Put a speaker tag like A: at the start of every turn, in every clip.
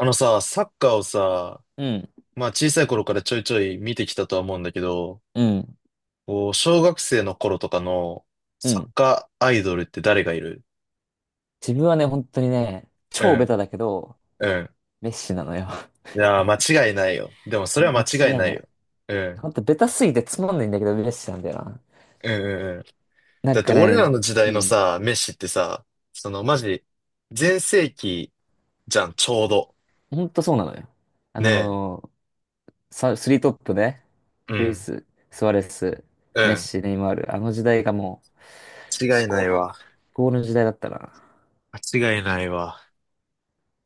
A: あのさ、サッカーをさ、
B: うん、
A: まあ小さい頃からちょいちょい見てきたとは思うんだけど、
B: うん、
A: こう小学生の頃とかの
B: う
A: サッ
B: ん。
A: カーアイドルって誰がいる？
B: 自分はね、本当にね、
A: う
B: 超ベ
A: ん、
B: タだけど、
A: うん。
B: メッシなのよ。
A: いやー、間違いないよ。でもそ れは
B: 間
A: 間違い
B: 違い
A: な
B: な
A: い
B: い。
A: よ。うん、
B: 本当ベタすぎてつまんないんだけど、メッシなんだよな。
A: うん、うん、うん。
B: なん
A: だって
B: か
A: 俺
B: ね、
A: らの時
B: う
A: 代の
B: ん。
A: さ、メッシってさ、そのマジ、全盛期じゃん、ちょうど。
B: 本当そうなのよ。あ
A: ねえ。
B: のーさスリートップね、
A: う
B: ルイ
A: ん、
B: ス、スアレス、
A: う
B: メッ
A: ん。
B: シ、ネイマール、あの時代がもう、
A: 間違
B: 至
A: いな
B: 高
A: い
B: の、至
A: わ。
B: 高の時代だったな。
A: 間違いないわ。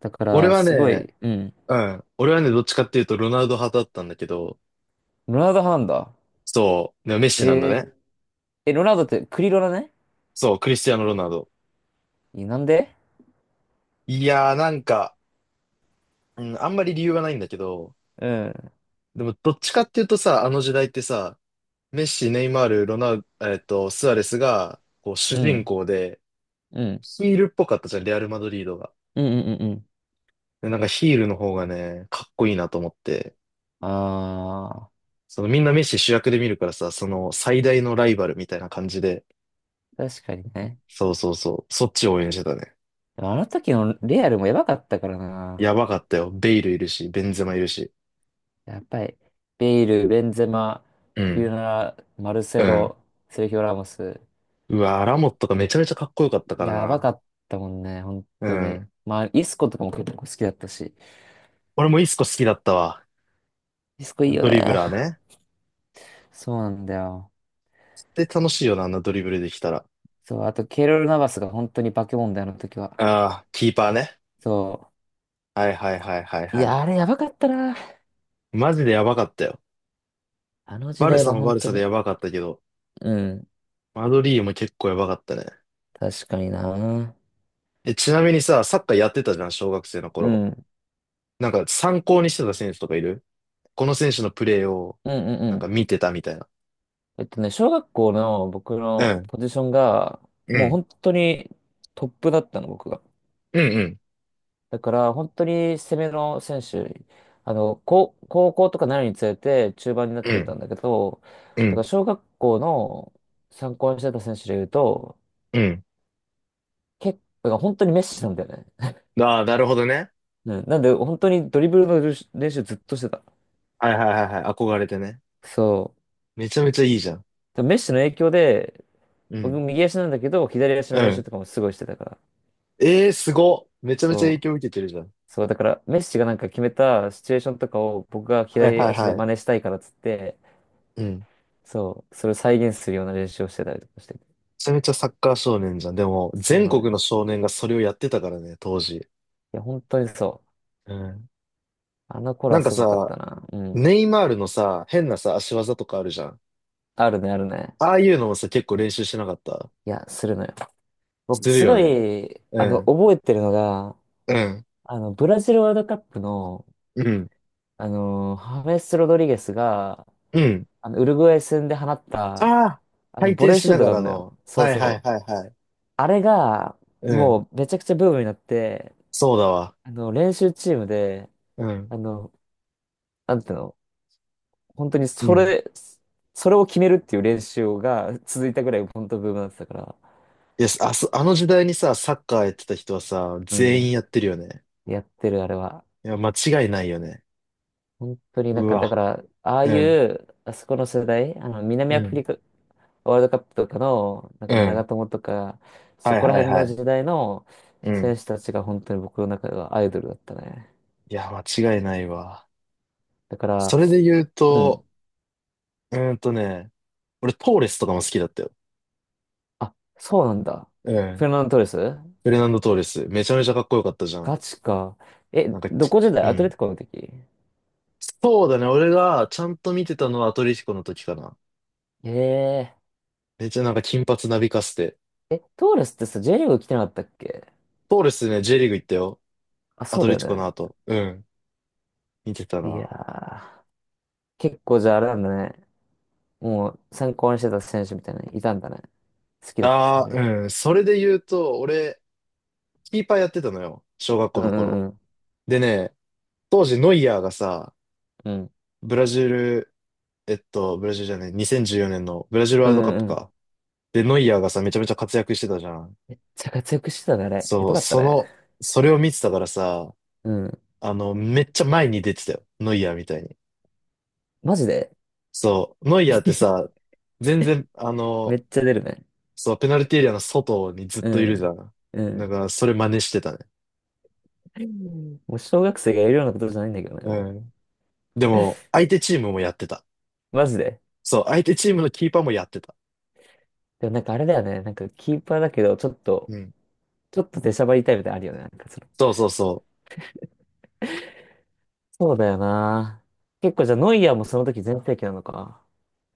B: だか
A: 俺
B: ら、
A: は
B: すご
A: ね、
B: い、うん。
A: うん。俺はね、どっちかっていうとロナウド派だったんだけど、
B: ロナウド派なんだ。
A: そう、でもメッ
B: え
A: シなんだね。
B: ー、え、ロナウドってクリロナね？
A: そう、クリスティアーノ・ロナウド。
B: え、なんで？
A: いやー、なんか、うん、あんまり理由はないんだけど、
B: うん、
A: でもどっちかっていうとさ、あの時代ってさ、メッシ、ネイマール、ロナウ、えっと、スアレスが、こう、主
B: う
A: 人
B: ん、
A: 公で、
B: うん。
A: ヒールっぽかったじゃん、レアル・マドリードが。
B: うんうんうんうん。
A: で、なんかヒールの方がね、かっこいいなと思って、
B: ああ、
A: そのみんなメッシ主役で見るからさ、その最大のライバルみたいな感じで、
B: 確かにね。
A: そうそうそう、そっちを応援してたね。
B: でもあの時のレアルもやばかったから
A: や
B: な。
A: ばかったよ。ベイルいるし、ベンゼマいるし。
B: やっぱり、ベイル、ベンゼマ、
A: う
B: クユ
A: ん。
B: ナラ、マル
A: う
B: セ
A: ん。
B: ロ、セルヒオ・ラモス。
A: うわ、ラモットがめちゃめちゃかっこよかったから
B: やば
A: な。
B: かったもんね、本
A: う
B: 当に。
A: ん。
B: まあ、イスコとかも結構好きだったし。
A: 俺もイスコ好きだったわ。
B: イスコいいよ
A: ドリブ
B: ね。
A: ラーね。
B: そうなんだよ。
A: で、楽しいよな、あんなドリブルできたら。
B: そう、あと、ケイロル・ナバスが本当に化け物だよ、あの時は。
A: ああ、キーパーね。
B: そ
A: はいはいはいはい
B: う。い
A: はい。
B: や、あれやばかったな。
A: マジでやばかったよ。
B: あの時
A: バル
B: 代
A: サ
B: は
A: も
B: 本
A: バル
B: 当
A: サで
B: に。
A: やばかったけど、
B: うん。
A: マドリーも結構やばかったね。
B: 確かにな。うん。
A: え、ちなみにさ、サッカーやってたじゃん、小学生の
B: う
A: 頃。
B: ん
A: なんか参考にしてた選手とかいる？この選手のプレーを、
B: うん
A: な
B: う
A: んか
B: ん。
A: 見てたみたいな。
B: ね、小学校の僕
A: う
B: の
A: ん、
B: ポジションが、
A: う
B: もう
A: ん、
B: 本当にトップだったの、僕が。
A: うん、うん、
B: だから、本当に攻めの選手、高校とかなるにつれて中盤になっ
A: う
B: てった
A: ん、
B: んだけど、
A: う
B: だか
A: ん、
B: ら小学校の参考にしてた選手で言うと、
A: うん。
B: 結構、本当にメッシなんだよね。
A: ああ、なるほどね。
B: うん、なんで、本当にドリブルの練習ずっとしてた。
A: はいはいはいはい。憧れてね。
B: そう。
A: めちゃめちゃいいじゃん。
B: でメッシの影響で、
A: う
B: 僕
A: ん。
B: 右足なんだけど、左足の
A: う
B: 練習
A: ん。
B: とかもすごいしてたから。
A: えー、すごっ。めちゃめちゃ影
B: そう。
A: 響受けてるじゃん。
B: そう、だから、メッシがなんか決めたシチュエーションとかを僕が
A: はい
B: 左
A: はい
B: 足で
A: はい。
B: 真似したいからっつって、
A: うん。め
B: そう、それを再現するような練習をしてたりとかしてて。
A: ちゃめちゃサッカー少年じゃん。でも、
B: そう
A: 全
B: なのよ。
A: 国の少年がそれをやってたからね、当時。
B: いや、本当にそう。
A: うん。
B: あの頃
A: な
B: は
A: んか
B: すごかっ
A: さ、
B: たな。うん。
A: ネイマールのさ、変なさ、足技とかあるじゃん。
B: あるね、あるね。
A: ああいうのもさ、結構練習してなかった？
B: いや、するのよ。僕、
A: する
B: す
A: よ
B: ご
A: ね。
B: い、
A: うん。
B: 覚えてるのが、
A: うん。
B: あの、ブラジルワールドカップの、
A: うん。
B: あの、ハメス・ロドリゲスが、
A: うん。
B: あの、ウルグアイ戦で放った、
A: ああ、
B: あ
A: 回
B: の、ボ
A: 転
B: レー
A: し
B: シュ
A: な
B: ート
A: が
B: があ
A: ら
B: るのよ。
A: の。
B: そ
A: は
B: う
A: いはい
B: そ
A: は
B: う。
A: いはい。
B: あれが、
A: うん。
B: もうめちゃくちゃブームになって、
A: そうだわ。
B: あの、練習チームで、
A: うん。
B: あの、なんていうの、本当に
A: う
B: そ
A: ん。
B: れ、それを決めるっていう練習が続いたぐらい本当ブームになってたから、
A: いや、あそ、あの時代にさ、サッカーやってた人はさ、
B: う
A: 全員
B: ん、
A: やってるよね。
B: やってるあれは。
A: いや、間違いないよね。
B: 本当にな
A: う
B: んか、だか
A: わ。
B: ら、ああい
A: うん。
B: う、あそこの世代、あの、南
A: う
B: アフ
A: ん。
B: リカワールドカップとかの、なん
A: う
B: か長
A: ん。
B: 友とか、
A: は
B: そ
A: い
B: こら
A: はい
B: 辺
A: は
B: の
A: い。
B: 時代の
A: う
B: 選
A: ん。
B: 手たちが本当に僕の中ではアイドルだったね。
A: いや、間違いないわ。
B: だか
A: そ
B: ら、
A: れで言う
B: う
A: と、
B: ん。
A: うーんとね、俺トーレスとかも好きだったよ。
B: あ、そうなんだ。
A: う
B: フェ
A: ん。
B: ルナンド・トーレス？
A: フレナンド・トーレス。めちゃめちゃかっこよかったじゃん。
B: ガチか。え、
A: なんか
B: ど
A: き、
B: こ時代？
A: う
B: アト
A: ん。
B: レティコの時？
A: そうだね。俺がちゃんと見てたのはアトレティコの時かな。
B: ええ
A: めっちゃなんか金髪なびかせて。
B: ー。え、トーレスってさ、J リーグ来てなかったっけ？
A: トーレスね、J リーグ行ったよ。
B: あ、
A: ア
B: そう
A: ト
B: だ
A: レ
B: よ
A: ティコ
B: ね。
A: の後。うん。見てた
B: いや
A: な。
B: ー。結構じゃああれなんだね。もう参考にしてた選手みたいなのいたんだね。好きだった選
A: ああ、
B: 手みたい
A: うん。それで言うと、俺、キーパーやってたのよ。小学
B: な。
A: 校
B: う
A: の頃。
B: んうん
A: でね、当時ノイアーがさ、
B: うん。うん。
A: ブラジル、ブラジルじゃない、2014年のブラジルワー
B: う
A: ル
B: ん
A: ドカッ
B: う
A: プ
B: んうん。
A: か。で、ノイアーがさ、めちゃめちゃ活躍してたじゃん。
B: めっちゃ活躍してたね、あれ。や
A: そ
B: ば
A: う、
B: かった
A: そ
B: ね。
A: の、それを見てたからさ、
B: うん。
A: あの、めっちゃ前に出てたよ。ノイアーみたいに。
B: マジで？
A: そう、ノイアーってさ、全然、あ
B: め
A: の、
B: っちゃ出るね。
A: そう、ペナルティーエリアの外にずっと
B: う
A: いるじゃ
B: ん。
A: ん。
B: う
A: だ
B: ん。
A: から、それ真似してたね。
B: もう小学生がやるようなことじゃないんだけどね、
A: う
B: も
A: ん。でも、相手チームもやってた。
B: う。マジで。
A: そう、相手チームのキーパーもやってた。
B: でもなんかあれだよね。なんかキーパーだけど、ちょっと
A: うん。
B: ちょっと出しゃばりタイプであるよね。なんかその、
A: そうそうそ
B: そうだよな。結構じゃあノイアーもその時全盛期なのか。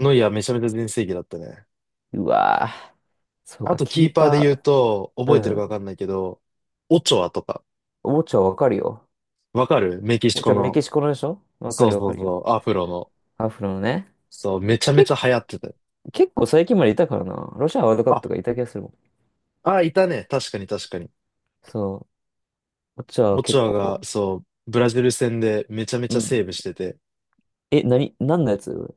A: う。ノイアーめちゃめちゃ全盛期だったね。
B: うわぁ。そう
A: あ
B: か、
A: と、キ
B: キ
A: ー
B: ー
A: パーで言う
B: パ
A: と、
B: ー。
A: 覚
B: う
A: えてるかわか
B: ん。
A: んないけど、オチョアとか、
B: オチョわかるよ。
A: わかるメキシ
B: オ
A: コ
B: チョメ
A: の。
B: キシコのでしょ？わか
A: そう
B: るよわ
A: そ
B: か
A: う
B: るよ。
A: そう、アフロの。
B: アフロのね。
A: そう、めちゃめ
B: け、
A: ちゃ流行ってたよ。
B: 結構最近までいたからな。ロシアワールドカップ
A: あ、
B: とかいた気がするもん。
A: あ、いたね。確かに確かに。
B: そう。オチョは
A: オチ
B: 結
A: ョアが、
B: 構。
A: そう、ブラジル戦でめちゃめち
B: う
A: ゃ
B: ん。
A: セーブしてて。
B: え、なに、何のやつ？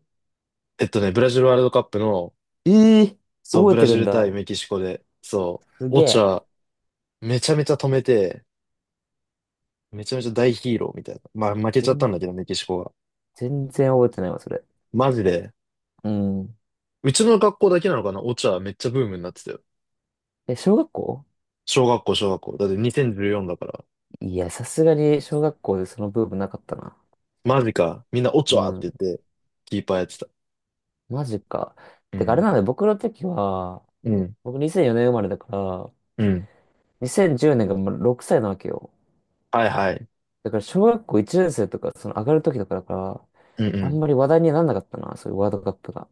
A: ブラジルワールドカップの、
B: ええー、
A: そう、
B: 覚
A: ブ
B: え
A: ラ
B: て
A: ジ
B: るん
A: ル対
B: だ。
A: メキシコで、そ
B: す
A: う、オ
B: げ
A: チョ
B: え。
A: アめちゃめちゃ止めて、めちゃめちゃ大ヒーローみたいな。まあ、負けちゃったん
B: 全、
A: だけど、メキシコが。
B: 全然覚えてないわ、それ。
A: マジで。
B: うん。
A: うちの学校だけなのかな？オチャめっちゃブームになってたよ。
B: え、小学校？
A: 小学校、小学校。だって2014だから。
B: いや、さすがに小学校でそのブームなかったな。
A: マジか。みんなオチ
B: う
A: ャっ
B: ん。
A: て言って、キーパーやってた。
B: マジか。
A: う
B: てか、あれ
A: ん。
B: なんだよ、僕の時は、
A: うん。
B: 僕2004年生まれだから、
A: うん。
B: 2010年がもう6歳なわけよ。
A: はいはい。
B: だから小学校1年生とか、その上がる時とかだから、
A: うんう
B: あん
A: ん。
B: まり話題にはなんなかったな、そういうワールドカップが。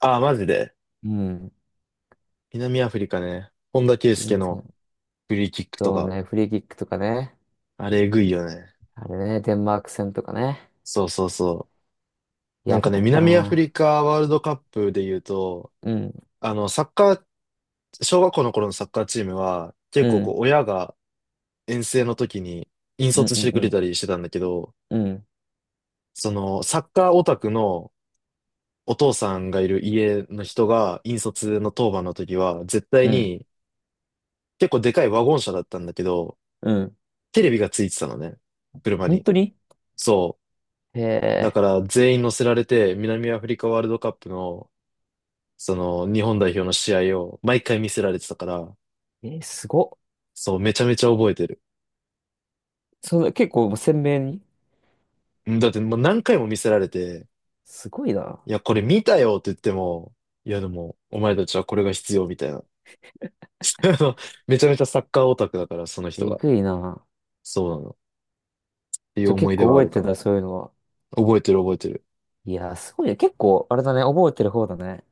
A: ああ、マジで。
B: うん。
A: 南アフリカね。本田圭佑
B: 全
A: の
B: 然。
A: フリーキックと
B: そう
A: か。
B: ね、フリーキックとかね。
A: あれ、えぐいよね。
B: あれね、デンマーク戦とかね。
A: そうそうそう。なん
B: や
A: か
B: ば
A: ね、
B: かった
A: 南アフ
B: な。
A: リカワールドカップで言うと、
B: うん、
A: あの、サッカー、小学校の頃のサッカーチームは、結
B: う
A: 構こう、
B: ん、
A: 親が遠征の時に引
B: うん、
A: 率
B: う
A: し
B: ん、
A: て
B: う
A: くれ
B: ん、
A: たりしてたんだけど、
B: うん、
A: そのサッカーオタクのお父さんがいる家の人が引率の当番の時は絶対
B: うん。
A: に結構でかいワゴン車だったんだけど、
B: うん、
A: テレビがついてたのね。車
B: 本
A: に。
B: 当に、
A: そ
B: へ
A: う。だか
B: え、
A: ら全員乗せられて南アフリカワールドカップのその日本代表の試合を毎回見せられてたから、
B: えー、すごっ。
A: そう、めちゃめちゃ覚えてる。
B: その、結構鮮明に。
A: うんだってもう何回も見せられて、
B: すごいな。
A: いや、これ見たよって言っても、いやでも、お前たちはこれが必要みたいな。あのめちゃめちゃサッカーオタクだから、その人
B: え
A: が。
B: ぐいな。
A: そうなの。っていう
B: じゃあ
A: 思
B: 結
A: い出
B: 構
A: はあ
B: 覚え
A: るか
B: て
A: な。
B: たそういうのは。
A: 覚えてる覚えてる。
B: いやー、すごいね。結構、あれだね、覚えてる方だね。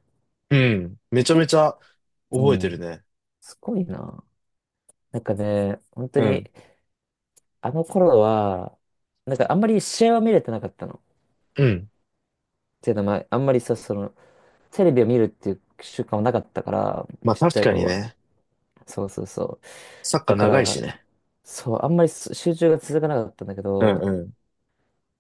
A: うん。めちゃめ
B: 結
A: ち
B: 構、
A: ゃ
B: う
A: 覚えてる
B: ん。
A: ね。
B: すごいな。なんかね、本当
A: うん。
B: に、あの頃は、なんかあんまり試合は見れてなかったの。っ
A: うん。
B: ていうのは、まあ、あんまりさ、その、テレビを見るっていう習慣はなかったから、
A: まあ
B: ちっち
A: 確
B: ゃい
A: か
B: 頃
A: に
B: は。
A: ね。
B: そうそうそう。
A: サッカ
B: だ
A: ー
B: か
A: 長いし
B: ら、
A: ね。
B: そう、あんまり集中が続かなかったんだけ
A: う
B: ど、
A: んうん。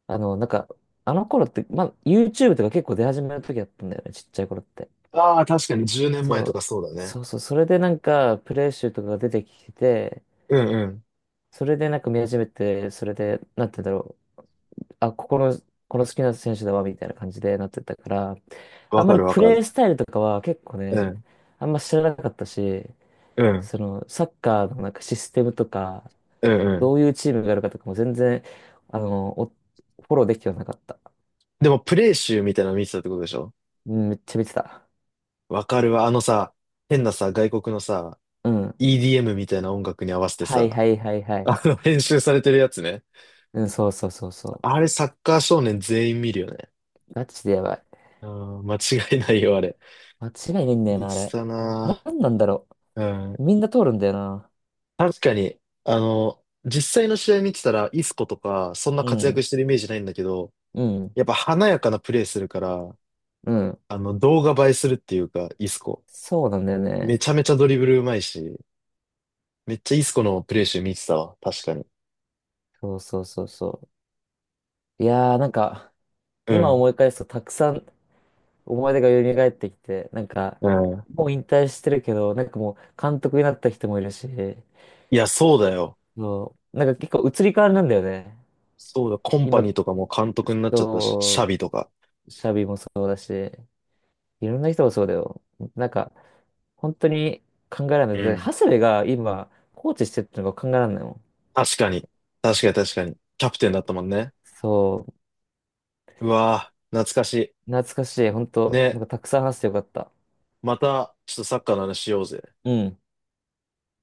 B: あの、なんか、あの頃って、まあ、YouTube とか結構出始めの時だったんだよね、ちっちゃい頃って。
A: ああ、確かに10年前
B: そ
A: とか
B: う、
A: そうだね。
B: そうそう、それでなんか、プレイ集とかが出てきて、
A: うんうん。
B: それでなんか見始めて、それで、なんて言うんだろう、あ、ここの、この好きな選手だわ、みたいな感じでなってたから、あ
A: わ
B: んま
A: か
B: り
A: るわ
B: プ
A: か
B: レイ
A: る。
B: スタイルとかは結構
A: う
B: ね、
A: ん。
B: あんま知らなかったし、
A: うん。
B: その、サッカーのなんかシステムとか、
A: うんうん。
B: どういうチームがあるかとかも全然、おフォローできてはなかった。
A: でもプレイ集みたいなの見てたってことでしょ？
B: うんめっちゃ見てた。
A: わかるわ。あのさ、変なさ、外国のさ、
B: うん。
A: EDM みたいな音楽に合わせて
B: はい
A: さ、
B: はいはいはい。
A: あの、編集されてるやつね。
B: うん、そうそうそうそ
A: あれ、サッカー少年全員見るよね。
B: う。ガチでやばい。
A: うん、間違いないよ、あれ。
B: 間違いないんだよ
A: 見
B: な、あ
A: てた
B: れ。な、
A: な
B: なんなんだろ
A: ぁ。う
B: う。
A: ん。
B: みんな通るんだよな。
A: 確かに、あの、実際の試合見てたら、イスコとか、そんな
B: う
A: 活躍
B: ん、
A: してるイメージないんだけど、
B: うん、
A: やっぱ華やかなプレーするから、
B: うん。
A: あの、動画映えするっていうか、イスコ。
B: そうなんだよ
A: め
B: ね。
A: ちゃめちゃドリブルうまいし、めっちゃイスコのプレー集見てたわ、確かに。
B: そうそうそうそう。いやー、なんか、
A: う
B: 今
A: ん。
B: 思い返すとたくさん思い出が蘇ってきて、なんか、
A: うん。
B: もう引退してるけど、なんかもう監督になった人もいるし、
A: いや、そうだよ。
B: そう、なんか結構移り変わりなんだよね。
A: そうだ、コンパ
B: 今、
A: ニーとかも監督になっちゃったし、シャ
B: そ
A: ビとか。
B: う、シャビもそうだし、いろんな人もそうだよ。なんか、本当に考えられな
A: う
B: い。で、
A: ん。
B: 長谷部が今、コーチしてるってのが考えられないもん。
A: 確かに。確かに確かに。キャプテンだったもんね。
B: そう。
A: うわぁ、懐かし
B: 懐かしい。本
A: い。
B: 当、な
A: ね、
B: んかたくさん話してよかった。
A: また、ちょっとサッカーの話しようぜ。
B: うん。